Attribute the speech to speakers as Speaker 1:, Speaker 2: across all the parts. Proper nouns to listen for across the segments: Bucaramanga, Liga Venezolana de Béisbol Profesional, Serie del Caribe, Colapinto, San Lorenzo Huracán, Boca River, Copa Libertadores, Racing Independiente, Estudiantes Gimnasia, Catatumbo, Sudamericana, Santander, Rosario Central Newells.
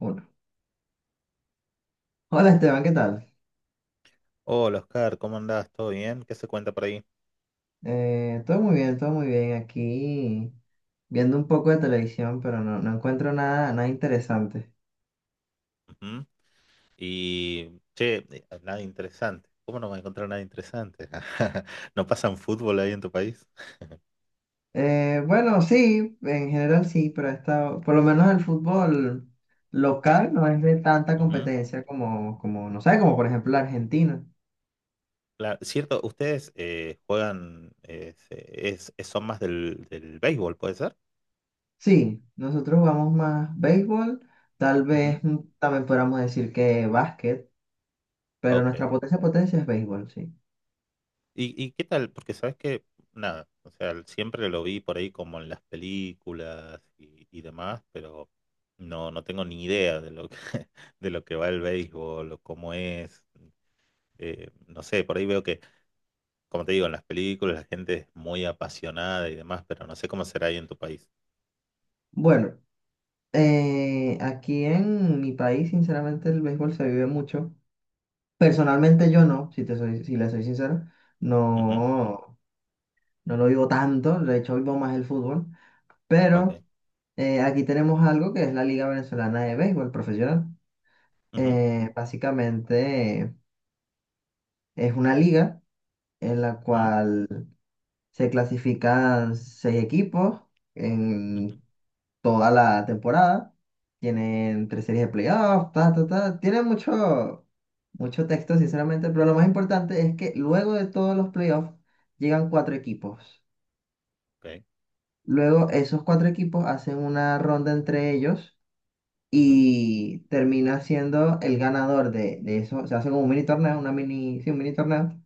Speaker 1: Uno. Hola Esteban, ¿qué tal?
Speaker 2: Hola Oscar, ¿cómo andás? ¿Todo bien? ¿Qué se cuenta por ahí?
Speaker 1: Todo muy bien, todo muy bien. Aquí viendo un poco de televisión, pero no encuentro nada interesante.
Speaker 2: Ujú. Y, che, nada interesante. ¿Cómo no voy a encontrar nada interesante? ¿No pasan fútbol ahí en tu país?
Speaker 1: Bueno, sí, en general sí, pero está, por lo menos el fútbol local no es de tanta
Speaker 2: Ujú.
Speaker 1: competencia como, no sé, como por ejemplo la Argentina.
Speaker 2: Claro, cierto, ustedes juegan, son más del béisbol, ¿puede ser?
Speaker 1: Sí, nosotros jugamos más béisbol, tal
Speaker 2: Ujú.
Speaker 1: vez también podríamos decir que básquet, pero
Speaker 2: Ok.
Speaker 1: nuestra potencia es béisbol, sí.
Speaker 2: Y qué tal? Porque sabes que, nada, o sea, siempre lo vi por ahí como en las películas y demás, pero no tengo ni idea de lo que, de lo que va el béisbol o cómo es. No sé, por ahí veo que, como te digo, en las películas la gente es muy apasionada y demás, pero no sé cómo será ahí en tu país.
Speaker 1: Bueno. Aquí en mi país, sinceramente, el béisbol se vive mucho. Personalmente yo no, si le soy sincero,
Speaker 2: Ujú.
Speaker 1: no, no lo vivo tanto, de hecho vivo más el fútbol,
Speaker 2: Ok.
Speaker 1: pero aquí tenemos algo que es la Liga Venezolana de Béisbol Profesional.
Speaker 2: Ujú,
Speaker 1: Básicamente, es una liga en la
Speaker 2: ujú,
Speaker 1: cual se clasifican seis equipos
Speaker 2: ujú,
Speaker 1: en toda la temporada. Tienen tres series de playoffs, ta, ta, ta. Tienen mucho, mucho texto, sinceramente, pero lo más importante es que luego de todos los playoffs llegan cuatro equipos.
Speaker 2: ok,
Speaker 1: Luego esos cuatro equipos hacen una ronda entre ellos
Speaker 2: ujú,
Speaker 1: y termina siendo el ganador de eso. Se hace como un mini torneo, una mini, sí, un mini torneo.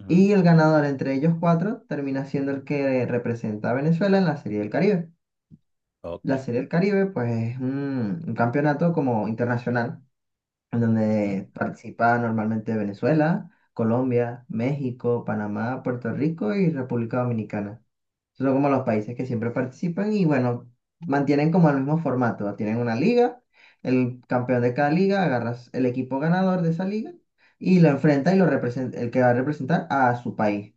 Speaker 2: ujú,
Speaker 1: Y el ganador entre ellos cuatro termina siendo el que representa a Venezuela en la Serie del Caribe.
Speaker 2: ok,
Speaker 1: La Serie del Caribe, pues es un campeonato como internacional, en
Speaker 2: ujú,
Speaker 1: donde participa normalmente Venezuela, Colombia, México, Panamá, Puerto Rico y República Dominicana. Esos son como los países
Speaker 2: ok.
Speaker 1: que siempre participan y bueno, mantienen como el mismo formato. Tienen una liga, el campeón de cada liga agarras el equipo ganador de esa liga y lo enfrenta y lo representa, el que va a representar a su país.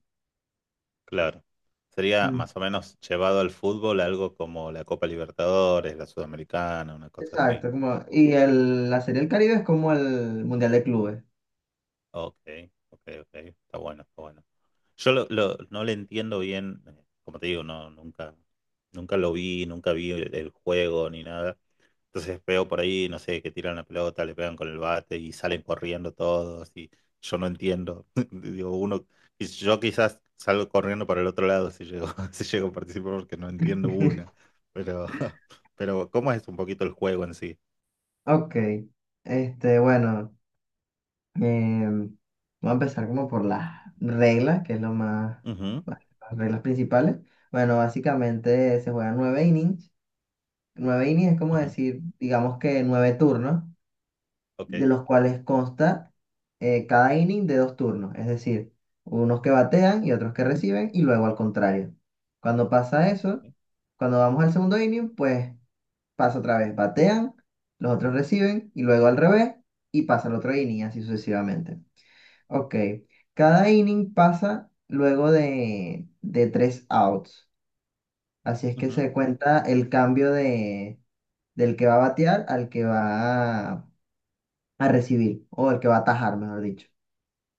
Speaker 2: Claro. Sería más
Speaker 1: Mm.
Speaker 2: o menos llevado al fútbol algo como la Copa Libertadores, la Sudamericana, una cosa así.
Speaker 1: Exacto, como, y la Serie del Caribe es como el Mundial de Clubes.
Speaker 2: Ok, ok, ok. Está bueno, está bueno. Yo no le entiendo bien, como te digo, no, nunca lo vi, nunca vi el juego ni nada. Entonces veo por ahí, no sé, que tiran la pelota, le pegan con el bate y salen corriendo todos y yo no entiendo. Digo, uno, y yo quizás salgo corriendo para el otro lado si llego, si llego a participar porque no entiendo una. Pero, pero ¿cómo es un poquito el juego en sí?
Speaker 1: Ok, este, bueno, em, voy a empezar como por las reglas, que es lo más,
Speaker 2: Ujú,
Speaker 1: bueno, las reglas principales. Bueno, básicamente se juegan nueve innings. Nueve innings es como
Speaker 2: ujú,
Speaker 1: decir, digamos que nueve turnos,
Speaker 2: ok,
Speaker 1: de los cuales consta cada inning de dos turnos, es decir, unos que batean y otros que reciben, y luego al contrario. Cuando pasa
Speaker 2: ok,
Speaker 1: eso, cuando vamos al segundo inning, pues pasa otra vez, batean, los otros reciben y luego al revés y pasa el otro inning, así sucesivamente. Ok, cada inning pasa luego de tres outs, así es que
Speaker 2: ujú,
Speaker 1: se cuenta el cambio del que va a batear al que va a recibir o el que va a atajar, mejor dicho.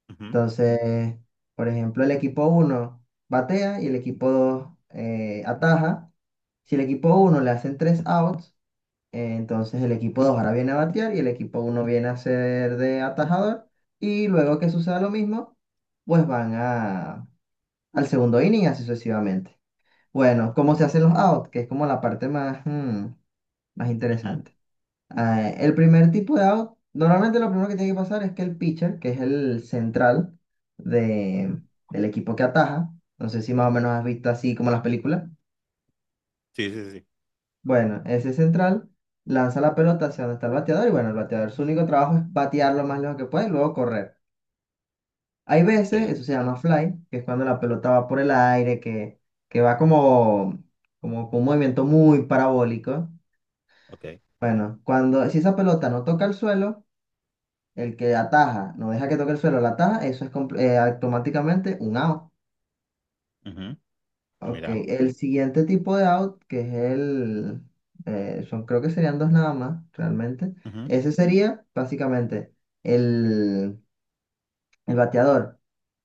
Speaker 2: ujú,
Speaker 1: Entonces, por ejemplo, el equipo uno batea y el equipo 2 ataja. Si el equipo uno le hacen tres outs, entonces el equipo 2 ahora viene a batear y el equipo uno viene a ser de atajador. Y luego
Speaker 2: ok,
Speaker 1: que suceda lo mismo, pues van al segundo inning y así sucesivamente. Bueno, ¿cómo se
Speaker 2: ok,
Speaker 1: hacen los outs? Que es como la parte más, más
Speaker 2: ujú,
Speaker 1: interesante. El primer tipo de out, normalmente lo primero que tiene que pasar es que el pitcher, que es el central
Speaker 2: ujú.
Speaker 1: de, del equipo que ataja, no sé si más o menos has visto así como las películas.
Speaker 2: Sí, sí, sí.
Speaker 1: Bueno, ese central lanza la pelota hacia donde está el bateador y bueno, el bateador su único trabajo es batear lo más lejos que puede y luego correr. Hay veces,
Speaker 2: Ok,
Speaker 1: eso se llama fly, que es cuando la pelota va por el aire, que va como, como con un movimiento muy parabólico.
Speaker 2: ok.
Speaker 1: Bueno, cuando si esa pelota no toca el suelo, el que ataja, no deja que toque el suelo, la ataja, eso es automáticamente un out.
Speaker 2: Ujú.
Speaker 1: Ok,
Speaker 2: Mira.
Speaker 1: el siguiente tipo de out, que es son, creo que serían dos nada más, realmente.
Speaker 2: Ujú,
Speaker 1: Ese sería básicamente el, el bateador,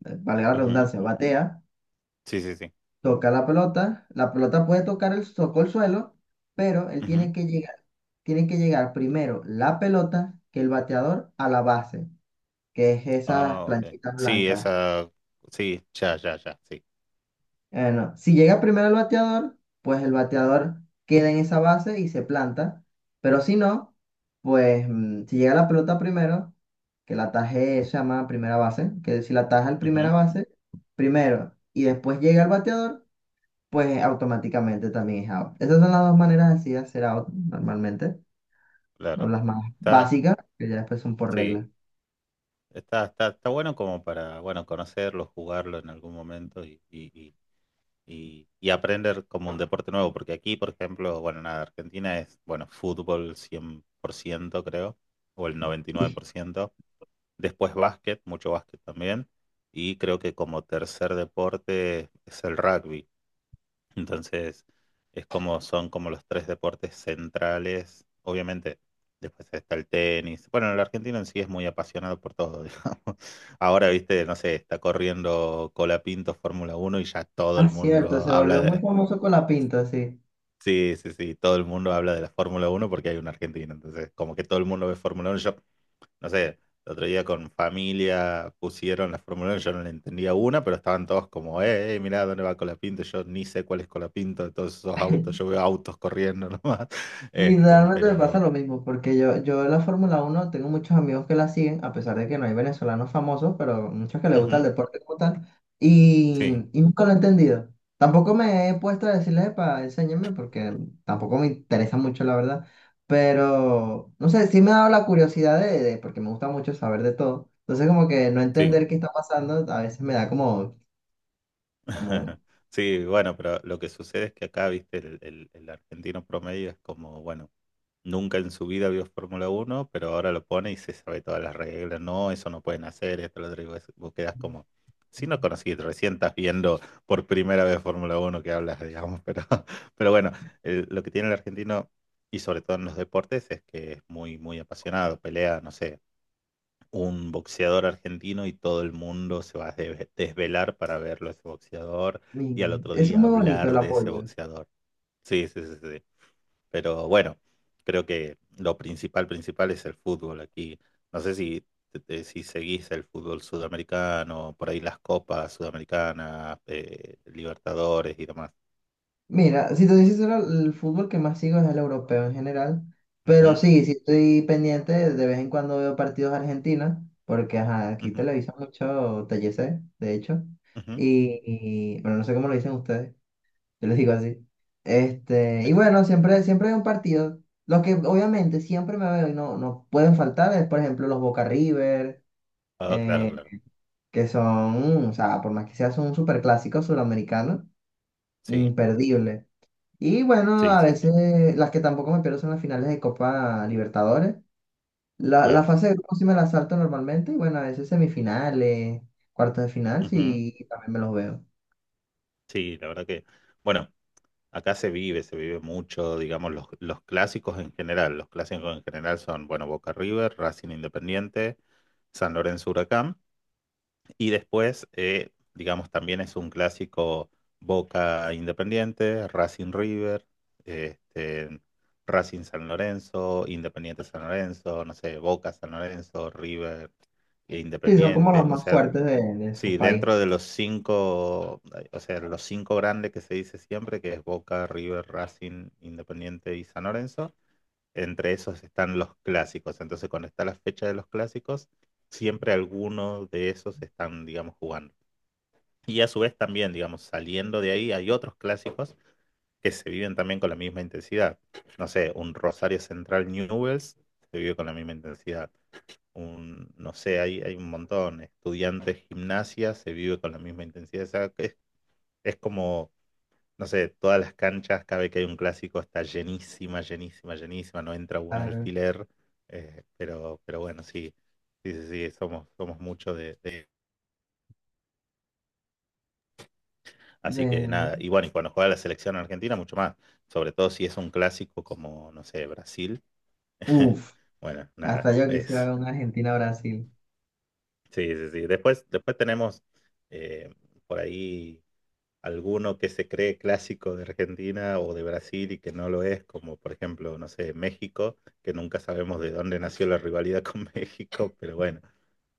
Speaker 1: valga la
Speaker 2: ujú.
Speaker 1: redundancia, batea,
Speaker 2: Sí, sí, sí.
Speaker 1: toca la pelota puede tocar tocó el suelo, pero él tiene que llegar primero la pelota que el bateador a la base, que es esas
Speaker 2: Ah, ok.
Speaker 1: planchitas
Speaker 2: Sí,
Speaker 1: blancas.
Speaker 2: esa, sí, ya, ya, ya, sí.
Speaker 1: No. Si llega primero el bateador, pues el bateador queda en esa base y se planta. Pero si no, pues si llega la pelota primero, que la ataje se llama primera base, que si la ataja el primera
Speaker 2: Ujú,
Speaker 1: base primero y después llega el bateador, pues automáticamente también es out. Esas son las dos maneras así de hacer out normalmente, o
Speaker 2: claro.
Speaker 1: las más
Speaker 2: Está,
Speaker 1: básicas, que ya después son por
Speaker 2: sí,
Speaker 1: regla.
Speaker 2: está, está, está bueno como para, bueno, conocerlo, jugarlo en algún momento y aprender como un deporte nuevo, porque aquí, por ejemplo, bueno, nada, Argentina es, bueno, fútbol 100% creo, o el noventa y nueve por ciento. Después básquet, mucho básquet también. Y creo que como tercer deporte es el rugby. Entonces, es como son como los tres deportes centrales. Obviamente, después está el tenis. Bueno, el argentino en sí es muy apasionado por todo, digamos. Ahora, viste, no sé, está corriendo Colapinto Fórmula Uno y ya todo
Speaker 1: Ah,
Speaker 2: el mundo
Speaker 1: cierto, se
Speaker 2: habla
Speaker 1: volvió muy
Speaker 2: de...
Speaker 1: famoso con la pinta, sí.
Speaker 2: Sí, sí, sí, todo el mundo habla de la Fórmula Uno porque hay un argentino. Entonces, como que todo el mundo ve Fórmula Uno. Yo no sé, el otro día con familia pusieron la Fórmula 1, yo no le entendía una, pero estaban todos como, mirá dónde va Colapinto, yo ni sé cuál es Colapinto de todos esos autos, yo veo autos corriendo nomás. Este,
Speaker 1: Literalmente me pasa
Speaker 2: pero,
Speaker 1: lo mismo, porque yo la Fórmula uno tengo muchos amigos que la siguen, a pesar de que no hay venezolanos famosos, pero muchos que les gusta el
Speaker 2: ujú,
Speaker 1: deporte como tal,
Speaker 2: sí,
Speaker 1: y nunca lo he entendido. Tampoco me he puesto a decirles, para enséñenme, porque tampoco me interesa mucho, la verdad, pero no sé, sí me ha dado la curiosidad de- porque me gusta mucho saber de todo. Entonces, como que no
Speaker 2: sí.
Speaker 1: entender qué está pasando, a veces me da como, como,
Speaker 2: Sí, bueno, pero lo que sucede es que acá, viste, el argentino promedio es como, bueno, nunca en su vida vio Fórmula uno pero ahora lo pone y se sabe todas las reglas. No, eso no pueden hacer, esto lo otro. Y vos quedás como, si no conociste recién estás viendo por primera vez Fórmula uno que hablas, digamos. Pero, pero bueno, lo que tiene el argentino, y sobre todo en los deportes, es que es muy, muy apasionado. Pelea, no sé, un boxeador argentino y todo el mundo se va a desvelar para verlo a ese boxeador y al
Speaker 1: mi-
Speaker 2: otro
Speaker 1: eso es
Speaker 2: día
Speaker 1: muy bonito el
Speaker 2: hablar de ese
Speaker 1: apoyo.
Speaker 2: boxeador. Sí, sí, sí, sí. Pero bueno, creo que lo principal, principal es el fútbol aquí. No sé si, si seguís el fútbol sudamericano, por ahí las copas sudamericanas, Libertadores y demás.
Speaker 1: Mira, si te dices el fútbol que más sigo es el europeo en general, pero
Speaker 2: Ujú,
Speaker 1: sí, sí estoy pendiente, de vez en cuando veo partidos argentinos, porque ajá, aquí
Speaker 2: ujú,
Speaker 1: televisa mucho TLC, de hecho,
Speaker 2: ujú.
Speaker 1: y, y, bueno, no sé cómo lo dicen ustedes, yo les digo así. Este, y
Speaker 2: Eh,
Speaker 1: bueno, siempre, siempre hay un partido, los que obviamente siempre me veo y no, no pueden faltar es, por ejemplo, los Boca River,
Speaker 2: Ah, claro,
Speaker 1: eh,
Speaker 2: claro.
Speaker 1: que son, o sea, por más que sea, son un superclásico suramericano,
Speaker 2: Sí,
Speaker 1: imperdible. Y bueno,
Speaker 2: sí,
Speaker 1: a
Speaker 2: sí, sí,
Speaker 1: veces las que tampoco me pierdo son las finales de Copa Libertadores. La
Speaker 2: claro.
Speaker 1: fase de grupos sí me la salto normalmente. Y bueno, a veces semifinales, cuartos de final,
Speaker 2: Ujú.
Speaker 1: sí, también me los veo.
Speaker 2: Sí, la verdad que, bueno, acá se vive mucho, digamos, los clásicos en general. Los clásicos en general son, bueno, Boca River, Racing Independiente, San Lorenzo Huracán. Y después, digamos, también es un clásico Boca Independiente, Racing River, este, Racing San Lorenzo, Independiente San Lorenzo, no sé, Boca San Lorenzo, River e
Speaker 1: Sí, son como
Speaker 2: Independiente.
Speaker 1: los
Speaker 2: O
Speaker 1: más
Speaker 2: sea,
Speaker 1: fuertes de su
Speaker 2: sí,
Speaker 1: país.
Speaker 2: dentro de los cinco, o sea, los cinco grandes que se dice siempre, que es Boca, River, Racing, Independiente y San Lorenzo, entre esos están los clásicos. Entonces, cuando está la fecha de los clásicos, siempre algunos de esos están, digamos, jugando. Y a su vez también, digamos, saliendo de ahí, hay otros clásicos que se viven también con la misma intensidad. No sé, un Rosario Central Newells se vive con la misma intensidad. Un, no sé, hay un montón. Estudiantes Gimnasia se vive con la misma intensidad. O sea, que es como, no sé, todas las canchas, cada vez que hay un clásico está llenísima, llenísima, llenísima. No entra un
Speaker 1: Ah,
Speaker 2: alfiler. Pero bueno, sí, sí, sí, sí, somos, somos mucho de, de. Así que
Speaker 1: de...
Speaker 2: nada, y bueno, y cuando juega la selección argentina, mucho más. Sobre todo si es un clásico como, no sé, Brasil.
Speaker 1: Uf,
Speaker 2: Bueno,
Speaker 1: hasta
Speaker 2: nada,
Speaker 1: yo quisiera
Speaker 2: es.
Speaker 1: ver una Argentina-Brasil.
Speaker 2: Sí, sí, sí. Después, después tenemos eh, por ahí alguno que se cree clásico de Argentina o de Brasil y que no lo es, como por ejemplo, no sé, México, que nunca sabemos de dónde nació la rivalidad con México, pero bueno.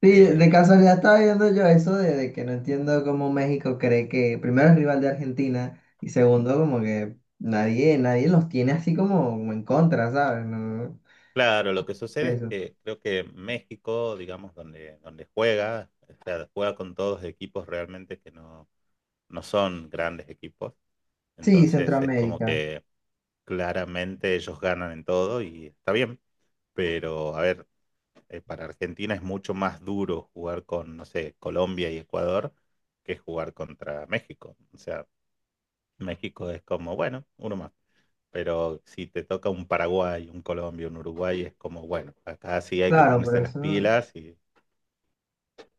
Speaker 1: Sí, de
Speaker 2: eh,
Speaker 1: casualidad estaba viendo yo eso de que no entiendo cómo México cree que primero es rival de Argentina y segundo como que nadie, nadie los tiene así como, como en contra, ¿sabes? No,
Speaker 2: claro, lo que sucede es
Speaker 1: eso.
Speaker 2: que creo que México, digamos, donde, donde juega, o sea, juega con todos equipos realmente que no, no son grandes equipos.
Speaker 1: Sí,
Speaker 2: Entonces es como
Speaker 1: Centroamérica.
Speaker 2: que claramente ellos ganan en todo y está bien. Pero, a ver, para Argentina es mucho más duro jugar con, no sé, Colombia y Ecuador que jugar contra México. O sea, México es como, bueno, uno más pero si te toca un Paraguay, un Colombia, un Uruguay, es como, bueno, acá sí hay que
Speaker 1: Claro,
Speaker 2: ponerse las pilas y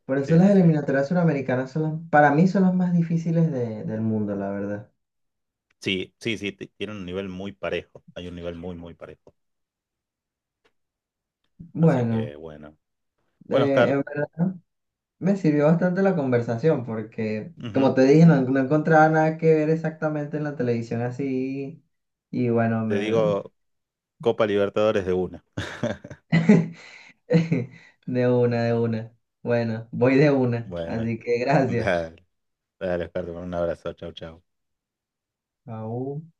Speaker 1: por eso
Speaker 2: sí,
Speaker 1: las
Speaker 2: sí, sí.
Speaker 1: eliminatorias suramericanas son las, para mí son las más difíciles de- del mundo, la verdad.
Speaker 2: Sí, sí, sí, tiene un nivel muy parejo, hay un nivel muy, muy parejo. Así
Speaker 1: Bueno,
Speaker 2: que bueno. Bueno, Oscar,
Speaker 1: en verdad me sirvió bastante la conversación porque, como
Speaker 2: ujú,
Speaker 1: te dije, no, no encontraba nada que ver exactamente en la televisión así. Y bueno,
Speaker 2: te
Speaker 1: me...
Speaker 2: digo Copa Libertadores de una.
Speaker 1: De una, de una. Bueno, voy de una,
Speaker 2: Bueno,
Speaker 1: así que gracias.
Speaker 2: dale, dale, Oscar, te mando un abrazo, chau, chau.
Speaker 1: Aún.